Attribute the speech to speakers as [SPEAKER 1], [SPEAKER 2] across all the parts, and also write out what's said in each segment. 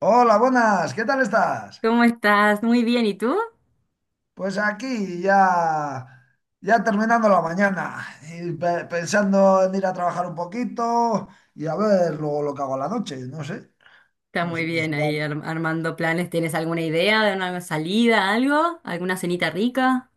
[SPEAKER 1] Hola, buenas, ¿qué tal estás?
[SPEAKER 2] ¿Cómo estás? Muy bien, ¿y tú?
[SPEAKER 1] Pues aquí ya, ya terminando la mañana y pensando en ir a trabajar un poquito y a ver luego lo que hago a la noche, no sé,
[SPEAKER 2] Está muy
[SPEAKER 1] pues
[SPEAKER 2] bien ahí
[SPEAKER 1] igual.
[SPEAKER 2] armando planes. ¿Tienes alguna idea de una salida, algo? ¿Alguna cenita rica?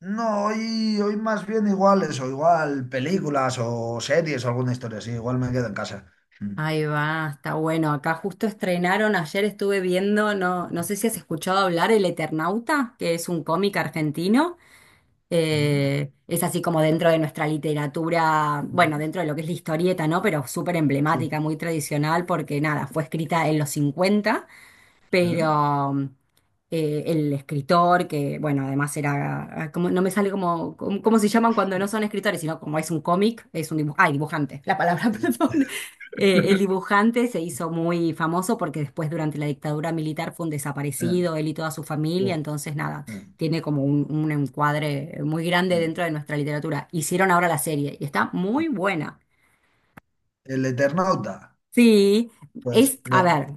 [SPEAKER 1] No, hoy más bien igual eso, igual películas o series o alguna historia así, igual me quedo en casa. Mm,
[SPEAKER 2] Ahí va, está bueno. Acá justo estrenaron, ayer estuve viendo, no, no sé si has escuchado hablar, El Eternauta, que es un cómic argentino.
[SPEAKER 1] Sí,
[SPEAKER 2] Es así como dentro de nuestra literatura, bueno, dentro de lo que es la historieta, ¿no? Pero súper
[SPEAKER 1] sí, sí.
[SPEAKER 2] emblemática, muy tradicional, porque nada, fue escrita en los 50,
[SPEAKER 1] ¿Eh?
[SPEAKER 2] pero el escritor, que bueno, además era, ah, como, no me sale como, cómo se llaman cuando no son escritores, sino como es un cómic, es un dibujante, ay, dibujante, la palabra,
[SPEAKER 1] Sí.
[SPEAKER 2] perdón. El dibujante se hizo muy famoso porque después durante la dictadura militar fue un
[SPEAKER 1] Eh,
[SPEAKER 2] desaparecido, él y toda su familia,
[SPEAKER 1] Oh,
[SPEAKER 2] entonces nada,
[SPEAKER 1] eh,
[SPEAKER 2] tiene como un encuadre muy grande dentro
[SPEAKER 1] eh,
[SPEAKER 2] de nuestra literatura. Hicieron ahora la serie y está
[SPEAKER 1] eh.
[SPEAKER 2] muy buena.
[SPEAKER 1] El Eternauta,
[SPEAKER 2] Sí,
[SPEAKER 1] pues
[SPEAKER 2] es, a
[SPEAKER 1] me...
[SPEAKER 2] ver,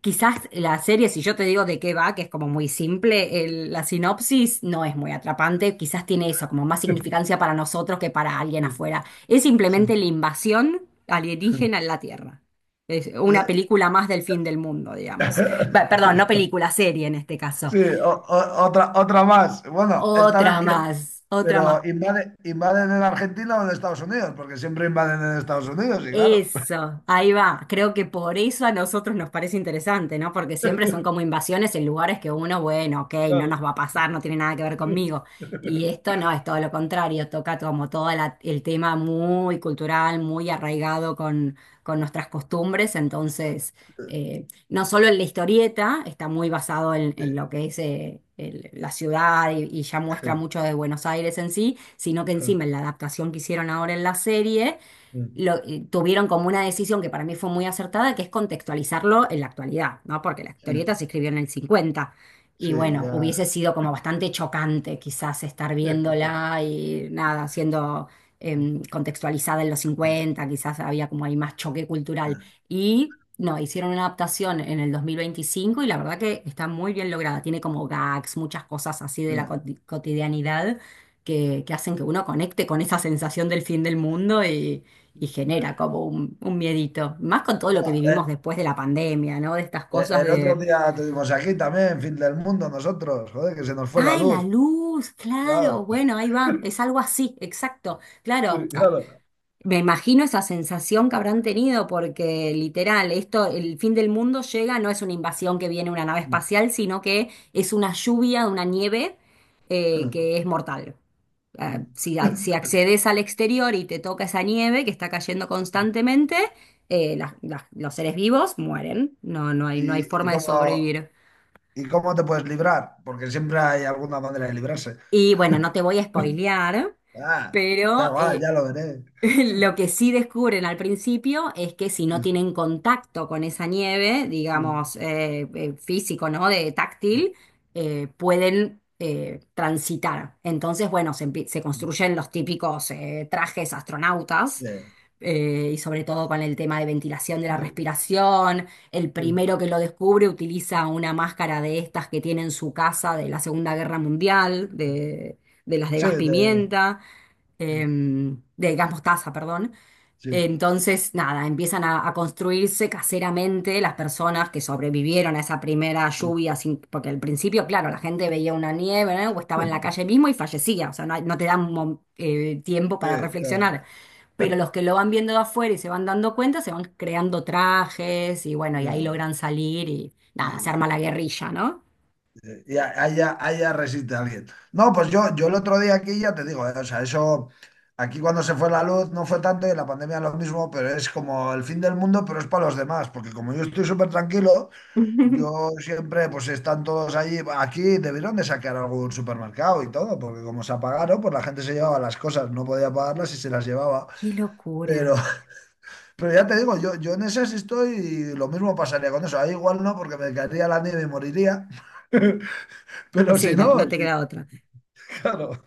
[SPEAKER 2] quizás la serie, si yo te digo de qué va, que es como muy simple, la sinopsis no es muy atrapante, quizás tiene eso, como más significancia para nosotros que para alguien afuera. Es
[SPEAKER 1] Sí.
[SPEAKER 2] simplemente la invasión alienígena en la Tierra. Es una película más del fin del mundo, digamos. Va, perdón, no película, serie en este caso.
[SPEAKER 1] Sí, otra, otra más. Bueno, esta vez
[SPEAKER 2] Otra
[SPEAKER 1] que...
[SPEAKER 2] más, otra
[SPEAKER 1] Pero
[SPEAKER 2] más.
[SPEAKER 1] invaden en Argentina o en Estados Unidos, porque siempre invaden en Estados Unidos, y claro.
[SPEAKER 2] Eso, ahí va. Creo que por eso a nosotros nos parece interesante, ¿no? Porque siempre son como invasiones en lugares que uno, bueno, ok, no nos
[SPEAKER 1] Claro.
[SPEAKER 2] va a pasar, no tiene nada que ver conmigo. Y esto no, es todo lo contrario, toca como todo el tema muy cultural, muy arraigado con nuestras costumbres. Entonces, no solo en la historieta, está muy basado en lo que es la ciudad y ya muestra mucho de Buenos Aires en sí, sino que encima en la adaptación que hicieron ahora en la serie tuvieron como una decisión que para mí fue muy acertada, que es contextualizarlo en la actualidad, ¿no? Porque la historieta se escribió en el 50 y
[SPEAKER 1] Sí,
[SPEAKER 2] bueno,
[SPEAKER 1] ya.
[SPEAKER 2] hubiese sido como bastante chocante quizás estar viéndola y nada, siendo contextualizada en los 50, quizás había como ahí más choque cultural. Y no, hicieron una adaptación en el 2025 y la verdad que está muy bien lograda, tiene como gags, muchas cosas así de la cotidianidad. Que hacen que uno conecte con esa sensación del fin del mundo y genera como un miedito. Más con todo lo que
[SPEAKER 1] Va, eh,
[SPEAKER 2] vivimos después de la pandemia, ¿no? De estas cosas
[SPEAKER 1] el otro
[SPEAKER 2] de,
[SPEAKER 1] día tuvimos aquí también, fin del mundo, nosotros, joder, que se nos fue la
[SPEAKER 2] ay, la
[SPEAKER 1] luz.
[SPEAKER 2] luz, claro,
[SPEAKER 1] Claro.
[SPEAKER 2] bueno, ahí va, es algo así, exacto, claro.
[SPEAKER 1] Sí, claro.
[SPEAKER 2] Me imagino esa sensación que habrán tenido porque literal, esto, el fin del mundo llega, no es una invasión que viene una nave espacial, sino que es una lluvia, una nieve que es mortal. Ah, si, si accedes al exterior y te toca esa nieve que está cayendo constantemente, los seres vivos mueren. No, no hay, no hay
[SPEAKER 1] ¿Y, y
[SPEAKER 2] forma de
[SPEAKER 1] cómo,
[SPEAKER 2] sobrevivir.
[SPEAKER 1] ¿Y cómo te puedes librar? Porque siempre hay alguna manera de librarse.
[SPEAKER 2] Y bueno, no te voy a spoilear,
[SPEAKER 1] Ah, da
[SPEAKER 2] pero
[SPEAKER 1] igual,
[SPEAKER 2] eh,
[SPEAKER 1] ya lo veré.
[SPEAKER 2] lo que sí descubren al principio es que si no tienen contacto con esa nieve,
[SPEAKER 1] Sí,
[SPEAKER 2] digamos, físico, ¿no? De táctil, pueden transitar. Entonces, bueno, se construyen los típicos trajes
[SPEAKER 1] sí,
[SPEAKER 2] astronautas,
[SPEAKER 1] te-
[SPEAKER 2] y sobre todo con el tema de ventilación de la respiración. El
[SPEAKER 1] sí,
[SPEAKER 2] primero que lo descubre utiliza una máscara de estas que tiene en su casa de la Segunda Guerra Mundial, de las de gas pimienta de gas mostaza, perdón. Entonces, nada, empiezan a construirse caseramente las personas que sobrevivieron a esa primera lluvia, sin- porque al principio, claro, la gente veía una nieve, ¿no? O estaba en la calle mismo y fallecía, o sea, no, hay- no te dan tiempo
[SPEAKER 1] sí,
[SPEAKER 2] para
[SPEAKER 1] te-
[SPEAKER 2] reflexionar. Pero los que lo van viendo de afuera y se van dando cuenta, se van creando trajes y bueno, y ahí
[SPEAKER 1] ya,
[SPEAKER 2] logran salir y nada, se
[SPEAKER 1] y-
[SPEAKER 2] arma la guerrilla, ¿no?
[SPEAKER 1] haya, haya resiste alguien. No, pues yo el otro día aquí ya te digo, o sea, eso, aquí cuando se fue la luz no fue tanto y en la pandemia lo mismo, pero es como el fin del mundo, pero es para los demás, porque como yo estoy súper tranquilo, yo siempre, pues están todos allí, aquí debieron de sacar algún supermercado y todo, porque como se apagaron, pues la gente se llevaba las cosas, no podía pagarlas y se las llevaba.
[SPEAKER 2] Qué
[SPEAKER 1] Pero,
[SPEAKER 2] locura.
[SPEAKER 1] pero ya te digo, yo en esas estoy y lo mismo pasaría con eso. Ahí igual no, porque me caería la nieve y moriría. Pero
[SPEAKER 2] Sí,
[SPEAKER 1] si
[SPEAKER 2] no, no
[SPEAKER 1] no,
[SPEAKER 2] te queda otra.
[SPEAKER 1] claro,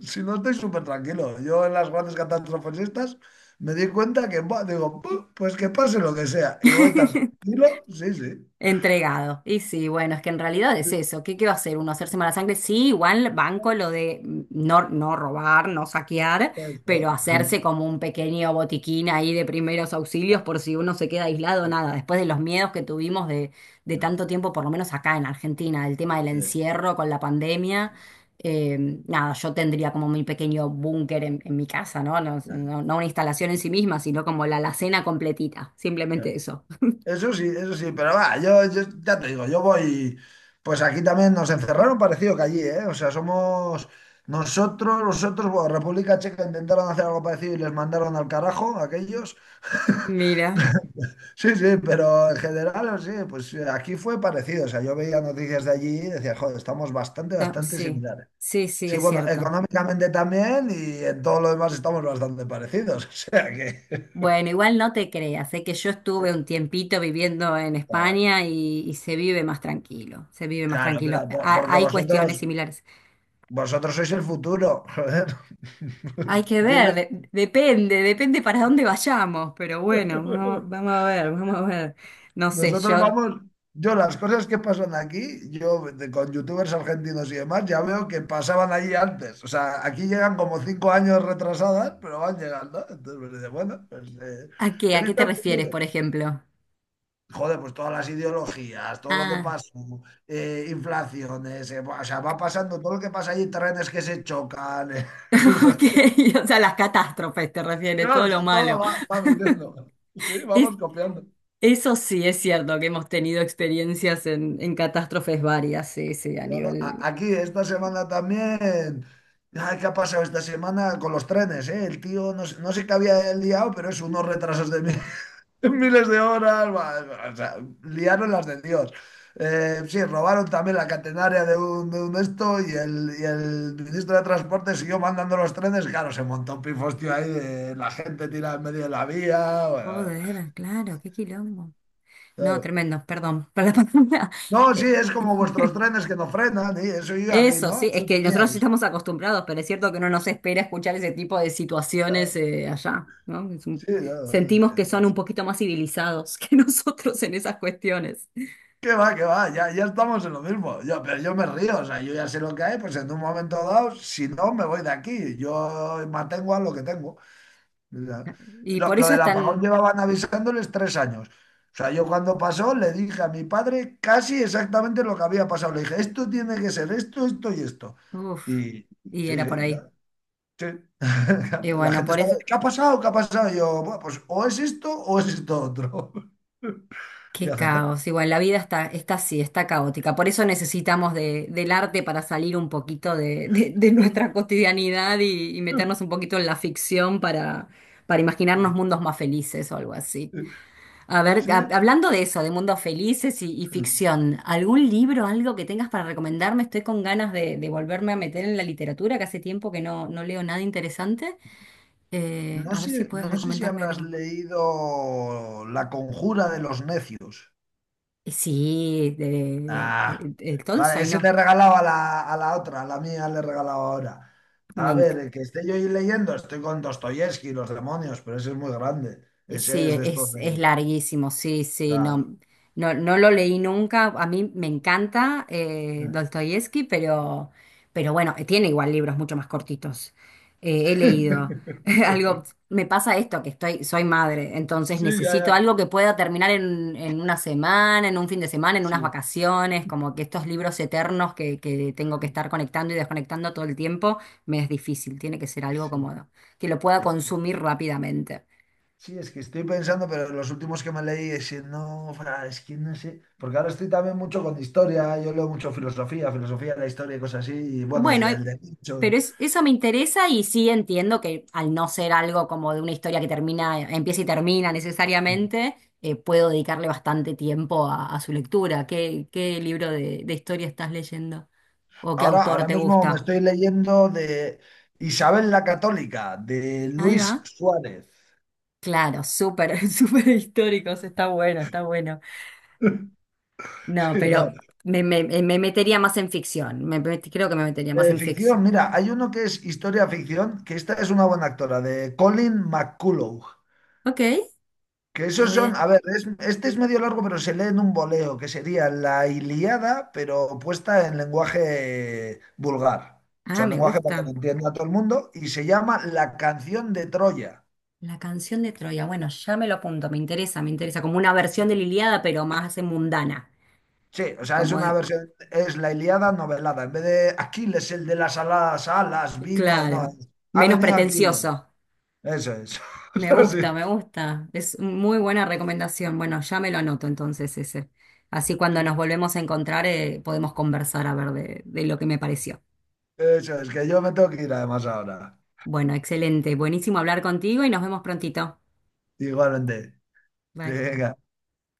[SPEAKER 1] si no estoy súper tranquilo. Yo en las grandes catástrofes estas me di cuenta que, buah, digo, "Pu, pues que pase lo que sea". Y voy tan tranquilo, sí, sí.
[SPEAKER 2] Entregado. Y sí, bueno, es que en realidad es
[SPEAKER 1] Sí,
[SPEAKER 2] eso. ¿Qué, qué va a hacer uno? ¿Hacerse mala sangre? Sí, igual banco lo de no, no robar, no saquear, pero
[SPEAKER 1] eso.
[SPEAKER 2] hacerse como un pequeño botiquín ahí de primeros auxilios por si uno se queda aislado, nada. Después de los miedos que tuvimos de tanto tiempo, por lo menos acá en Argentina, el tema del
[SPEAKER 1] Sí,
[SPEAKER 2] encierro con la pandemia,
[SPEAKER 1] sí.
[SPEAKER 2] eh, nada, yo tendría como mi pequeño búnker en mi casa, ¿no? No, no una instalación en sí misma, sino como la alacena completita. Simplemente eso.
[SPEAKER 1] Eso sí, eso sí, pero va, yo ya te digo, yo voy, pues aquí también nos encerraron parecido que allí, ¿eh? O sea, somos nosotros, nosotros, bueno, República Checa intentaron hacer algo parecido y les mandaron al carajo a aquellos.
[SPEAKER 2] Mira.
[SPEAKER 1] Sí, sí, pero en general, sí, pues aquí fue parecido. O sea, yo veía noticias de allí y decía, joder, estamos bastante, bastante
[SPEAKER 2] Sí,
[SPEAKER 1] similares.
[SPEAKER 2] sí, sí,
[SPEAKER 1] Sí,
[SPEAKER 2] es
[SPEAKER 1] bueno,
[SPEAKER 2] cierto.
[SPEAKER 1] económicamente también y en todo lo demás estamos bastante parecidos. O sea que.
[SPEAKER 2] Bueno, igual no te creas, sé que yo estuve
[SPEAKER 1] que-
[SPEAKER 2] un tiempito viviendo en España y se vive más tranquilo, se vive más
[SPEAKER 1] Claro, pero
[SPEAKER 2] tranquilo.
[SPEAKER 1] porque
[SPEAKER 2] Hay
[SPEAKER 1] vosotros,
[SPEAKER 2] cuestiones similares.
[SPEAKER 1] vosotros sois el futuro, joder.
[SPEAKER 2] Hay que ver,
[SPEAKER 1] Vienes.
[SPEAKER 2] depende, depende para dónde vayamos, pero bueno, vamos, vamos a ver, vamos a ver. No sé,
[SPEAKER 1] Nosotros vamos, yo las cosas que pasan aquí, con youtubers argentinos y demás, ya veo que pasaban allí antes. O sea, aquí llegan como 5 años retrasadas, pero van llegando. Entonces me dice, bueno, pues
[SPEAKER 2] ¿a qué?
[SPEAKER 1] he
[SPEAKER 2] ¿A qué
[SPEAKER 1] visto
[SPEAKER 2] te
[SPEAKER 1] el
[SPEAKER 2] refieres,
[SPEAKER 1] futuro.
[SPEAKER 2] por ejemplo?
[SPEAKER 1] Joder, pues todas las ideologías, todo lo que
[SPEAKER 2] Ah,
[SPEAKER 1] pasa, inflaciones, o sea, va pasando todo lo que pasa allí, trenes que se chocan. O
[SPEAKER 2] ok,
[SPEAKER 1] sea,
[SPEAKER 2] o sea, las catástrofes te refieres,
[SPEAKER 1] claro,
[SPEAKER 2] todo
[SPEAKER 1] o
[SPEAKER 2] lo
[SPEAKER 1] sea,
[SPEAKER 2] malo.
[SPEAKER 1] todo va, va viniendo. Sí, vamos copiando.
[SPEAKER 2] Eso sí es cierto, que hemos tenido experiencias en catástrofes varias, sí, sí, a
[SPEAKER 1] Claro,
[SPEAKER 2] nivel...
[SPEAKER 1] aquí esta semana también. Ay, ¿qué ha pasado esta semana con los trenes, eh? El tío, no sé, no sé qué había liado, pero es unos retrasos de miles de horas. Va, o sea, liaron las de Dios. Sí, robaron también la catenaria de un esto y y el ministro de Transporte siguió mandando los trenes. Claro, se montó un pifostio ahí de la gente tirada en medio de la vía. Bueno,
[SPEAKER 2] Joder, claro, qué quilombo. No,
[SPEAKER 1] claro.
[SPEAKER 2] tremendo, perdón, para la palabra.
[SPEAKER 1] No, sí,
[SPEAKER 2] Eh,
[SPEAKER 1] es como vuestros trenes que no frenan, y eso yo ya vi,
[SPEAKER 2] eso
[SPEAKER 1] ¿no?
[SPEAKER 2] sí, es
[SPEAKER 1] Eso
[SPEAKER 2] que nosotros sí
[SPEAKER 1] teníais.
[SPEAKER 2] estamos acostumbrados, pero es cierto que no nos espera escuchar ese tipo de situaciones allá, ¿no? Es un-
[SPEAKER 1] Sí, no,
[SPEAKER 2] sentimos que
[SPEAKER 1] no,
[SPEAKER 2] son un poquito más civilizados que nosotros en esas cuestiones.
[SPEAKER 1] qué va, ya, ya estamos en lo mismo. Yo, pero yo me río, o sea, yo ya sé lo que hay, pues en un momento dado, si no, me voy de aquí. Yo mantengo a lo que tengo. O sea,
[SPEAKER 2] Y por
[SPEAKER 1] lo
[SPEAKER 2] eso
[SPEAKER 1] del apagón
[SPEAKER 2] están...
[SPEAKER 1] llevaban avisándoles 3 años. O sea, yo cuando pasó le dije a mi padre casi exactamente lo que había pasado. Le dije, esto tiene que ser esto, esto y esto.
[SPEAKER 2] Uf,
[SPEAKER 1] Y
[SPEAKER 2] y
[SPEAKER 1] sí,
[SPEAKER 2] era
[SPEAKER 1] sí,
[SPEAKER 2] por ahí.
[SPEAKER 1] claro, sí.
[SPEAKER 2] Y
[SPEAKER 1] La
[SPEAKER 2] bueno,
[SPEAKER 1] gente
[SPEAKER 2] por
[SPEAKER 1] estaba,
[SPEAKER 2] eso...
[SPEAKER 1] ¿qué ha pasado? ¿Qué ha pasado? Y yo, "Buah, pues o es esto otro". Y
[SPEAKER 2] Qué
[SPEAKER 1] acerté.
[SPEAKER 2] caos. Igual la vida está, está así, está caótica. Por eso necesitamos del arte para salir un poquito de, de nuestra cotidianidad y meternos un poquito en la ficción para imaginarnos mundos más felices o algo así. A ver,
[SPEAKER 1] Sí.
[SPEAKER 2] hablando de eso, de mundos felices y ficción, ¿algún libro, algo que tengas para recomendarme? Estoy con ganas de volverme a meter en la literatura, que hace tiempo que no, no leo nada interesante.
[SPEAKER 1] No
[SPEAKER 2] A ver
[SPEAKER 1] sé,
[SPEAKER 2] si puedes
[SPEAKER 1] no sé si
[SPEAKER 2] recomendarme
[SPEAKER 1] habrás
[SPEAKER 2] algo.
[SPEAKER 1] leído La conjura de los necios.
[SPEAKER 2] Sí, de,
[SPEAKER 1] Ah, vale,
[SPEAKER 2] Tolstoy,
[SPEAKER 1] ese
[SPEAKER 2] ¿no?
[SPEAKER 1] le regalaba a la otra, a la mía le regalaba ahora. A ver, el que esté yo ahí leyendo, estoy con Dostoyevsky, los demonios, pero ese es muy grande. Ese
[SPEAKER 2] Sí,
[SPEAKER 1] es de estos
[SPEAKER 2] es
[SPEAKER 1] de...
[SPEAKER 2] larguísimo, sí, sí,
[SPEAKER 1] claro.
[SPEAKER 2] no, no, no lo leí nunca. A mí me encanta Dostoyevsky, pero bueno, tiene igual libros mucho más cortitos. He leído algo, me pasa esto, que estoy, soy madre, entonces
[SPEAKER 1] Sí, ya,
[SPEAKER 2] necesito
[SPEAKER 1] ya.
[SPEAKER 2] algo que pueda terminar en una semana, en un fin de semana, en
[SPEAKER 1] Sí,
[SPEAKER 2] unas vacaciones, como que estos libros eternos que tengo que estar conectando y desconectando todo el tiempo, me es difícil, tiene que ser algo
[SPEAKER 1] sí.
[SPEAKER 2] como que lo pueda
[SPEAKER 1] ¿Eh?
[SPEAKER 2] consumir rápidamente.
[SPEAKER 1] Sí, es que estoy pensando, pero los últimos que me leí, es que no, es que no sé, porque ahora estoy también mucho con historia, yo leo mucho filosofía, filosofía de la historia y cosas así, y bueno, y
[SPEAKER 2] Bueno,
[SPEAKER 1] del derecho.
[SPEAKER 2] pero eso me interesa y sí entiendo que al no ser algo como de una historia que termina, empieza y termina necesariamente, puedo dedicarle bastante tiempo a su lectura. ¿Qué, qué libro de historia estás leyendo? ¿O qué autor
[SPEAKER 1] Ahora
[SPEAKER 2] te
[SPEAKER 1] mismo me
[SPEAKER 2] gusta?
[SPEAKER 1] estoy leyendo de Isabel la Católica, de
[SPEAKER 2] Ahí va.
[SPEAKER 1] Luis Suárez.
[SPEAKER 2] Claro, súper, súper históricos, está bueno, está bueno. No,
[SPEAKER 1] Sí, no.
[SPEAKER 2] pero me, me metería más en ficción. Creo que me metería más en
[SPEAKER 1] Ficción,
[SPEAKER 2] ficción,
[SPEAKER 1] mira,
[SPEAKER 2] sí.
[SPEAKER 1] hay uno que es historia ficción, que esta es una buena actora, de Colin McCullough.
[SPEAKER 2] Ok,
[SPEAKER 1] Que
[SPEAKER 2] la
[SPEAKER 1] esos
[SPEAKER 2] voy
[SPEAKER 1] son,
[SPEAKER 2] a...
[SPEAKER 1] a ver, este es medio largo, pero se lee en un voleo, que sería la Ilíada, pero puesta en lenguaje vulgar. O
[SPEAKER 2] Ah,
[SPEAKER 1] sea,
[SPEAKER 2] me
[SPEAKER 1] lenguaje para que lo
[SPEAKER 2] gusta.
[SPEAKER 1] entienda todo el mundo, y se llama La canción de Troya.
[SPEAKER 2] La canción de Troya. Bueno, ya me lo apunto, me interesa, me interesa. Como una versión de la Ilíada, pero más mundana.
[SPEAKER 1] Sí, o sea, es
[SPEAKER 2] Como
[SPEAKER 1] una versión, es la Ilíada novelada. En vez de Aquiles, el de las aladas alas, vino, no,
[SPEAKER 2] claro,
[SPEAKER 1] ha
[SPEAKER 2] menos
[SPEAKER 1] venido Aquiles.
[SPEAKER 2] pretencioso.
[SPEAKER 1] Eso es.
[SPEAKER 2] Me
[SPEAKER 1] Eso sí,
[SPEAKER 2] gusta, me gusta. Es muy buena recomendación. Bueno, ya me lo anoto entonces ese. Así cuando
[SPEAKER 1] sí.
[SPEAKER 2] nos volvemos a encontrar podemos conversar a ver de lo que me pareció.
[SPEAKER 1] Eso es, que yo me tengo que ir además ahora.
[SPEAKER 2] Bueno, excelente. Buenísimo hablar contigo y nos vemos prontito.
[SPEAKER 1] Igualmente.
[SPEAKER 2] Bye.
[SPEAKER 1] Venga.